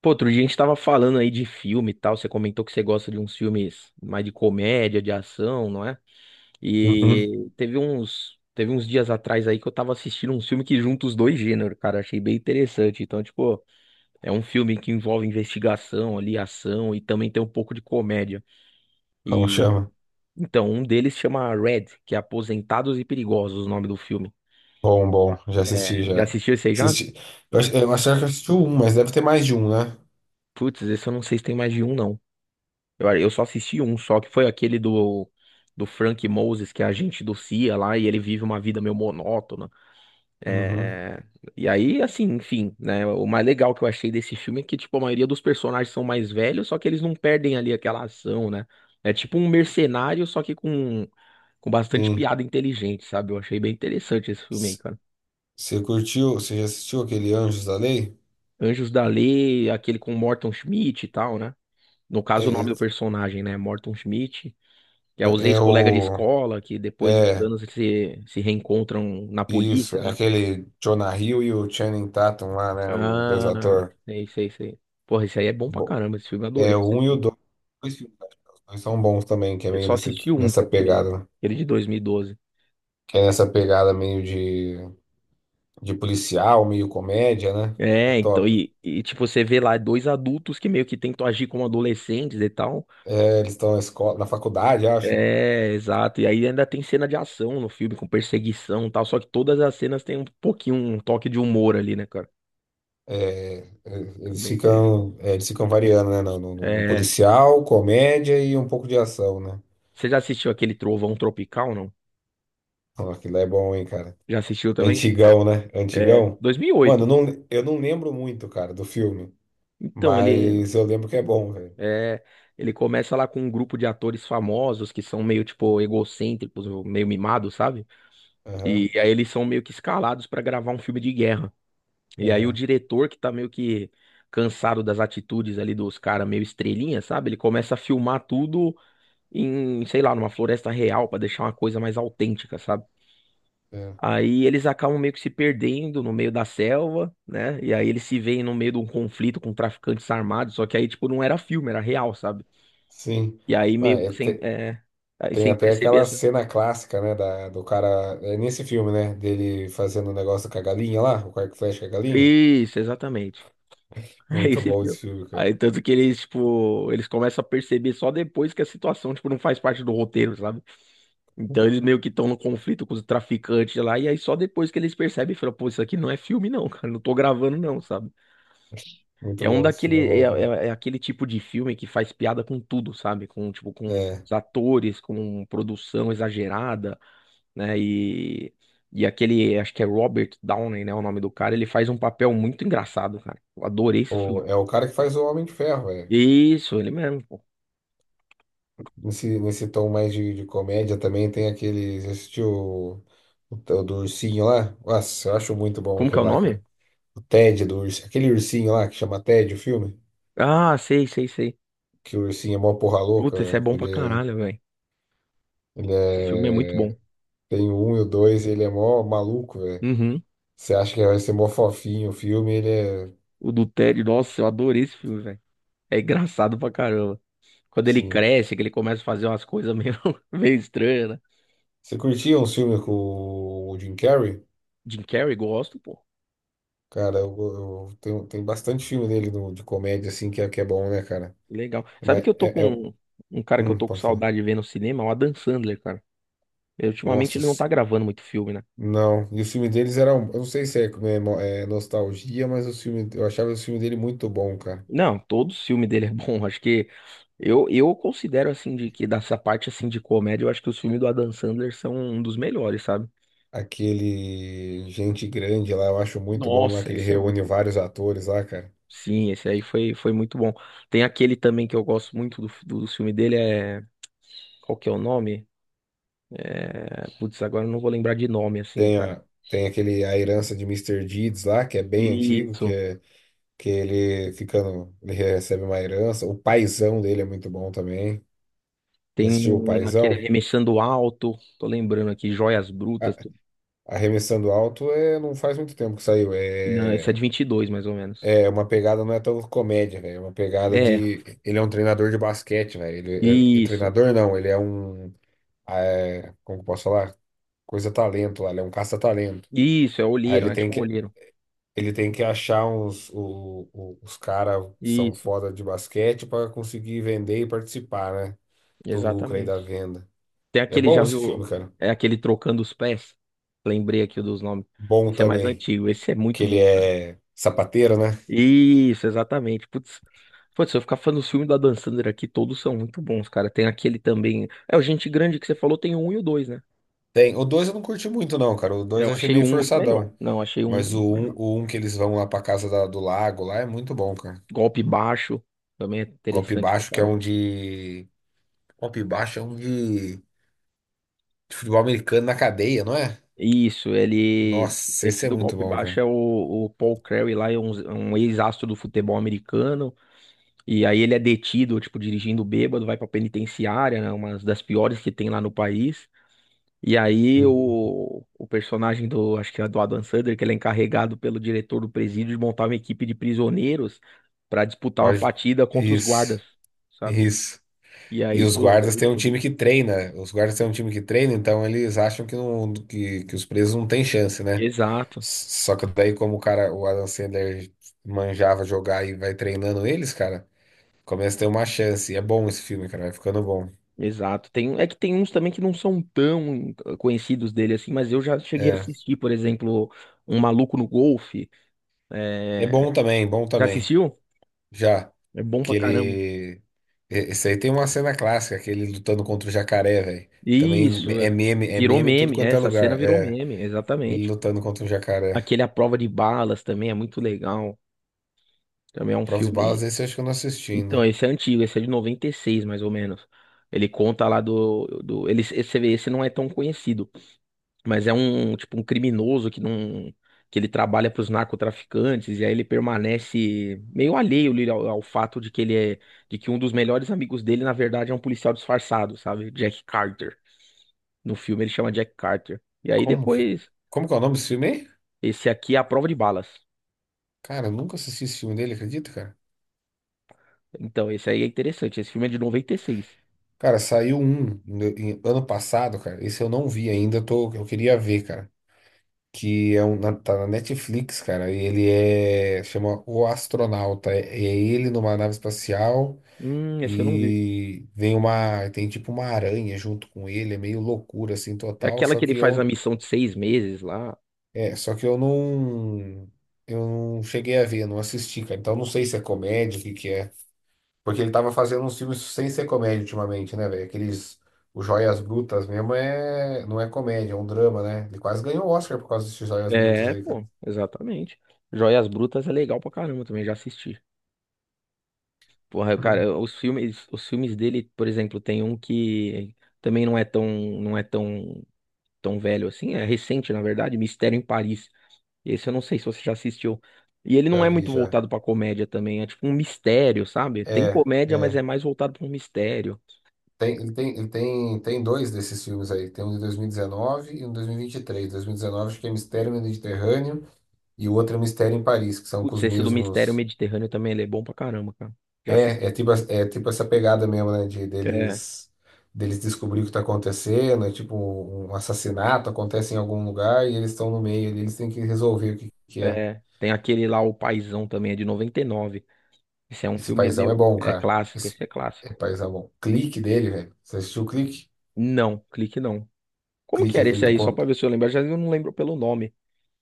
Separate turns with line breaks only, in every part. Pô, outro dia a gente tava falando aí de filme e tal. Você comentou que você gosta de uns filmes mais de comédia, de ação, não é?
Uhum.
E teve uns dias atrás aí que eu tava assistindo um filme que junta os dois gêneros, cara. Achei bem interessante. Então, tipo, é um filme que envolve investigação ali, ação e também tem um pouco de comédia.
Como
E
chama?
então, um deles chama Red, que é Aposentados e Perigosos, o nome do filme.
Bom, bom, já assisti,
Já
já.
assistiu esse aí já?
Assisti. Eu acho que eu assisti um, mas deve ter mais de um, né?
Putz, esse eu não sei se tem mais de um, não. Eu só assisti um só, que foi aquele do Frank Moses, que é agente do CIA lá, e ele vive uma vida meio monótona.
Uhum.
É. E aí, assim, enfim, né? O mais legal que eu achei desse filme é que, tipo, a maioria dos personagens são mais velhos, só que eles não perdem ali aquela ação, né? É tipo um mercenário, só que com bastante
Sim.
piada inteligente, sabe? Eu achei bem interessante esse filme aí, cara.
Você já assistiu aquele Anjos da Lei?
Anjos da Lei, aquele com Morton Schmidt e tal, né? No caso, o
É,
nome do personagem, né? Morton Schmidt. Já os
é, é
ex-colegas de
o.
escola que depois de uns
É,
anos se reencontram na
isso.
polícia,
É
né?
aquele Jonah Hill e o Channing Tatum lá, né? Os dois
Ah,
atores.
é isso aí, isso aí. Porra, esse aí é bom pra
Bom,
caramba, esse filme eu
é
adorei
o um e o
assistir.
dois. Dois filmes, acho que os dois são bons também, que é
Eu
meio
só assisti um, que
nessa
é aquele,
pegada, né?
aquele de 2012.
Que é nessa pegada meio de policial, meio comédia, né? É
É, então,
top.
e tipo, você vê lá dois adultos que meio que tentam agir como adolescentes e tal.
É, eles estão na escola, na faculdade, acho.
É, exato. E aí ainda tem cena de ação no filme, com perseguição e tal. Só que todas as cenas têm um pouquinho, um toque de humor ali, né, cara?
É, é,
É
eles
bem interessante.
ficam, é, eles ficam variando, né? No
É.
policial, comédia e um pouco de ação, né?
Você já assistiu aquele Trovão Tropical, não?
Ó, aquilo é bom, hein, cara?
Já assistiu
É
também?
antigão, né? É
É,
antigão. Mano, eu
2008.
não, eu não lembro muito, cara, do filme,
Então, ele
mas eu lembro que é bom, velho.
é, ele começa lá com um grupo de atores famosos que são meio tipo egocêntricos, meio mimados, sabe?
Aham,
E aí eles são meio que escalados pra gravar um filme de guerra. E aí o
aham,
diretor que tá meio que cansado das atitudes ali dos caras meio estrelinha, sabe? Ele começa a filmar tudo em, sei lá, numa floresta real pra deixar uma coisa mais autêntica, sabe?
é.
Aí eles acabam meio que se perdendo no meio da selva, né? E aí eles se veem no meio de um conflito com traficantes armados, só que aí, tipo, não era filme, era real, sabe?
Sim.
E aí
Mano,
meio sem, é, aí
tem
sem
até
perceber
aquela
essas.
cena clássica, né? Da, do cara. É nesse filme, né? Dele fazendo o negócio com a galinha lá, o arco e flecha com a galinha.
Isso, exatamente. É
Muito
esse
bom
filme.
esse filme, cara.
Aí tanto que eles, tipo, eles começam a perceber só depois que a situação, tipo, não faz parte do roteiro, sabe? Então eles meio que estão no conflito com os traficantes lá, e aí só depois que eles percebem e falam, pô, isso aqui não é filme, não, cara, não tô gravando, não, sabe?
Muito
É um
bom, esse filme é
daquele, é,
bom, cara.
é- é aquele tipo de filme que faz piada com tudo, sabe? Com, tipo, com
É.
os atores, com produção exagerada, né? E aquele, acho que é Robert Downey, né? O nome do cara, ele faz um papel muito engraçado, cara. Eu adorei esse
O,
filme.
é o cara que faz o Homem de Ferro, velho.
Isso, ele mesmo, pô.
Nesse, nesse tom mais de comédia também tem aquele. Você assistiu do ursinho lá? Nossa, eu acho muito bom
Como que é
aquele
o
lá,
nome?
cara. O Ted do ursinho. Aquele ursinho lá que chama Ted, o filme.
Ah, sei, sei, sei.
Que o ursinho é mó porra louca,
Puta, esse é
velho.
bom
Ele
pra
é,
caralho, velho.
ele
Esse filme é muito bom.
é. Tem o um e o dois, ele é mó maluco, velho.
Uhum.
Você acha que vai ser mó fofinho o filme, ele é.
O do Ted, nossa, eu adorei esse filme, velho. É engraçado pra caramba. Quando ele
Sim.
cresce, que ele começa a fazer umas coisas meio, meio estranhas, né?
Você curtia um filme com o Jim Carrey?
Jim Carrey, gosto, pô.
Cara, tem bastante filme dele de comédia, assim, que é bom, né, cara?
Legal. Sabe
Mas
que eu tô
é, é-
com um cara que eu tô com
pode falar.
saudade de ver no cinema? O Adam Sandler, cara. Ultimamente
Nossa,
ele não tá gravando muito filme, né?
não. E os filmes deles eram. Eu não sei se é, como é, é nostalgia, mas os filmes, eu achava os filmes dele muito bom, cara.
Não, todo filme dele é bom. Acho que eu considero assim de que dessa parte assim de comédia, eu acho que os filmes do Adam Sandler são um dos melhores, sabe?
Aquele Gente Grande lá, eu acho muito bom lá, que
Nossa,
ele
esse é muito
reúne
bom.
vários atores lá, cara.
Sim, esse aí foi, foi muito bom. Tem aquele também que eu gosto muito do filme dele, é. Qual que é o nome? É, Putz, agora eu não vou lembrar de nome, assim,
Tem,
cara.
a, tem aquele A Herança de Mister Deeds lá, que é bem antigo,
Isso.
que ele ficando. Ele recebe uma herança. O paizão dele é muito bom também. Já
Tem
assistiu o
aquele
Paizão?
Remexendo Alto, tô lembrando aqui, Joias Brutas.
A-
tô-
Arremessando alto é, não faz muito tempo que saiu.
Não, esse é de
É,
22 mais ou menos.
é uma pegada, não é tão comédia, velho. É uma pegada
É,
de. Ele é um treinador de basquete, velho. Ele é, é é
isso.
treinador, não. Ele é um. Como que eu posso falar? Coisa talento lá. Ele é um caça-talento.
Isso, é
Aí
olheiro,
ele
né?
tem
Tipo um
que,
olheiro.
ele tem que achar uns. Os caras são
Isso,
foda de basquete para conseguir vender e participar, né? Do lucro aí
exatamente.
da venda.
Tem
É
aquele,
bom
já
esse
viu?
filme, cara.
É aquele Trocando os Pés. Lembrei aqui dos nomes.
Bom
Esse é mais
também.
antigo, esse é
Que
muito
ele
bom, cara.
é sapateiro, né?
Isso, exatamente. Putz, se eu ficar falando dos filmes do Adam Sandler aqui, todos são muito bons, cara. Tem aquele também. É, o Gente Grande que você falou, tem o um e o dois, né?
Tem. O 2 eu não curti muito, não, cara. O 2
Eu
eu achei
achei o
meio
um muito melhor.
forçadão.
Não, achei o um
Mas o
muito
um,
melhor.
o um que eles vão lá pra casa do lago lá é muito bom, cara.
Golpe baixo também é
Golpe
interessante pra
baixo, que é um
caramba.
de. Golpe baixo é um de futebol americano na cadeia, não é?
Isso, ele.
Nossa,
Esse
esse é
do
muito
golpe
bom,
baixo
cara.
é o Paul Crewe lá, é um, um ex-astro do futebol americano. E aí ele é detido, tipo, dirigindo bêbado, vai pra penitenciária, né? Uma das piores que tem lá no país. E aí
Uhum.
o personagem do, acho que é do Adam Sandler, que ele é encarregado pelo diretor do presídio de montar uma equipe de prisioneiros pra disputar uma
Pode-
partida contra os
Isso,
guardas, sabe?
isso.
E
E
aí,
os
pô, é
guardas têm um
muito bom.
time que treina. Os guardas têm um time que treina, então eles acham que, não, que os presos não têm chance, né?
Exato.
Só que daí, como o cara, o Adam Sandler manjava jogar e vai treinando eles, cara, começa a ter uma chance. E é bom esse filme, cara, vai ficando bom.
Exato. Tem, é que tem uns também que não são tão conhecidos dele assim, mas eu já cheguei a
É,
assistir, por exemplo, Um Maluco no Golfe.
é
É,
bom também, bom
Já
também.
assistiu?
Já
É bom pra
que ele,
caramba.
e- esse aí tem uma cena clássica, aquele lutando contra o jacaré, velho. Também
Isso.
é
Virou
meme em tudo
meme. É,
quanto é
essa cena
lugar.
virou
É,
meme,
ele
exatamente.
lutando contra o jacaré.
Aquele A Prova de Balas também é muito legal. Também é
A
um
prova de balas,
filme.
esse eu acho que eu não assisti ainda.
Então, esse é antigo, esse é de 96 mais ou menos. Ele conta lá do, do... Ele, esse, você vê, esse não é tão conhecido. Mas é um, tipo, um criminoso que não, que ele trabalha para os narcotraficantes e aí ele permanece meio alheio ali ao fato de que ele é, de que um dos melhores amigos dele, na verdade, é um policial disfarçado, sabe? Jack Carter. No filme ele chama Jack Carter. E aí
Como que,
depois,
como que é o nome desse filme aí?
esse aqui é A Prova de Balas.
Cara, eu nunca assisti esse filme dele, acredita, cara?
Então, esse aí é interessante. Esse filme é de noventa e seis.
Cara, saiu um ano passado, cara. Esse eu não vi ainda, eu queria ver, cara. Que é um, tá na Netflix, cara. E chama O Astronauta. É ele numa nave espacial
Esse eu não vi.
e tem tipo uma aranha junto com ele. É meio loucura assim
É
total.
aquela
Só
que ele
que
faz a
eu,
missão de 6 meses lá.
é, só que eu não cheguei a ver, não assisti, cara. Então não sei se é comédia, o que que é. Porque ele tava fazendo uns filmes sem ser comédia ultimamente, né, velho? Aqueles. O Joias Brutas mesmo é. Não é comédia, é um drama, né? Ele quase ganhou o Oscar por causa desses Joias Brutas
É,
aí, cara.
pô, exatamente. Joias Brutas é legal pra caramba também, já assisti. Porra, eu, cara, os filmes dele, por exemplo, tem um que também não é tão velho assim, é recente, na verdade, Mistério em Paris. Esse eu não sei se você já assistiu. E ele
Já
não é
vi,
muito
já.
voltado pra comédia também, é tipo um mistério, sabe? Tem
É,
comédia, mas
é.
é mais voltado pra um mistério.
Tem dois desses filmes aí. Tem um de 2019 e um de 2023. 2019 acho que é Mistério no Mediterrâneo e o outro é Mistério em Paris, que são com
Putz,
os
esse do Mistério
mesmos.
Mediterrâneo também, ele é bom pra caramba, cara. Já
É, é
assisti.
tipo, as- é tipo essa pegada mesmo, né? De
É,
deles descobrir o que tá acontecendo, é tipo um assassinato acontece em algum lugar e eles estão no meio ali, eles têm que resolver o que é.
é. Tem aquele lá, O Paizão também, é de 99. Esse é um
Esse
filme
paizão é
meu,
bom,
é
cara.
clássico,
Esse
esse é
é
clássico.
paizão bom. Clique dele, velho. Você assistiu o clique?
Não, clique não. Como que
Clique é
era esse
aquele do
aí? Só pra
conto.
ver se eu lembro. Já eu não lembro pelo nome.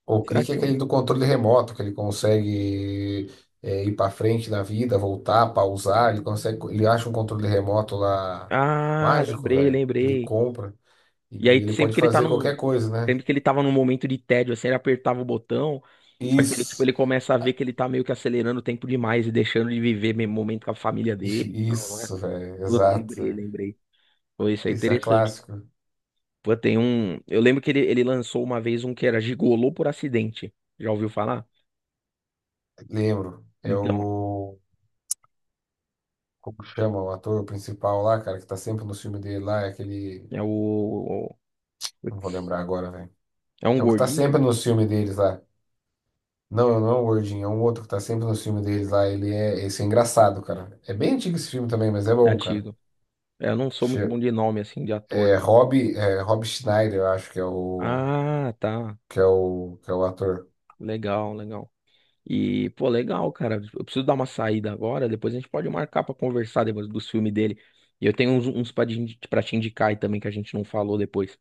O
Será
clique é
que um.
aquele do controle remoto, que ele consegue, ir pra frente na vida, voltar, pausar, ele consegue. Ele acha um controle remoto lá
Ah,
mágico,
lembrei,
velho. Ele
lembrei.
compra.
E
E
aí,
ele
sempre
pode
que ele tá
fazer qualquer
num.
coisa, né?
Sempre que ele tava num momento de tédio, assim, ele apertava o botão. Só que ele, tipo,
Isso,
ele começa a ver que ele tá meio que acelerando o tempo demais e deixando de viver mesmo momento com a família dele. Então, não é?
isso, velho,
Pô,
exato,
lembrei,
velho.
lembrei. Pô, isso é
Esse é
interessante.
clássico.
Pô, tem um. Eu lembro que ele lançou uma vez um que era Gigolô por acidente. Já ouviu falar?
Lembro. É
Então,
o. Como chama o ator principal lá, cara, que tá sempre no filme dele lá, é aquele.
é o.
Não vou
Putz,
lembrar agora, velho.
é um
É o que tá
gordinho
sempre no filme deles lá. Não, não é o Gordinho, é um outro que tá sempre no filme deles lá. Ele é. Esse é engraçado, cara. É bem antigo esse filme também, mas é bom, cara.
antigo. É, eu não sou muito
Che-
bom de nome, assim, de ator,
É
não.
Rob, é Rob Schneider, eu acho que é o.
Ah, tá.
Que é o. Que é o ator.
Legal, legal. E, pô, legal, cara. Eu preciso dar uma saída agora. Depois a gente pode marcar pra conversar depois dos filmes dele. E eu tenho uns pra te indicar aí também que a gente não falou depois.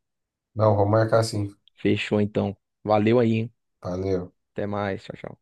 Não, vou marcar assim.
Fechou, então. Valeu aí, hein?
Valeu.
Até mais. Tchau, tchau.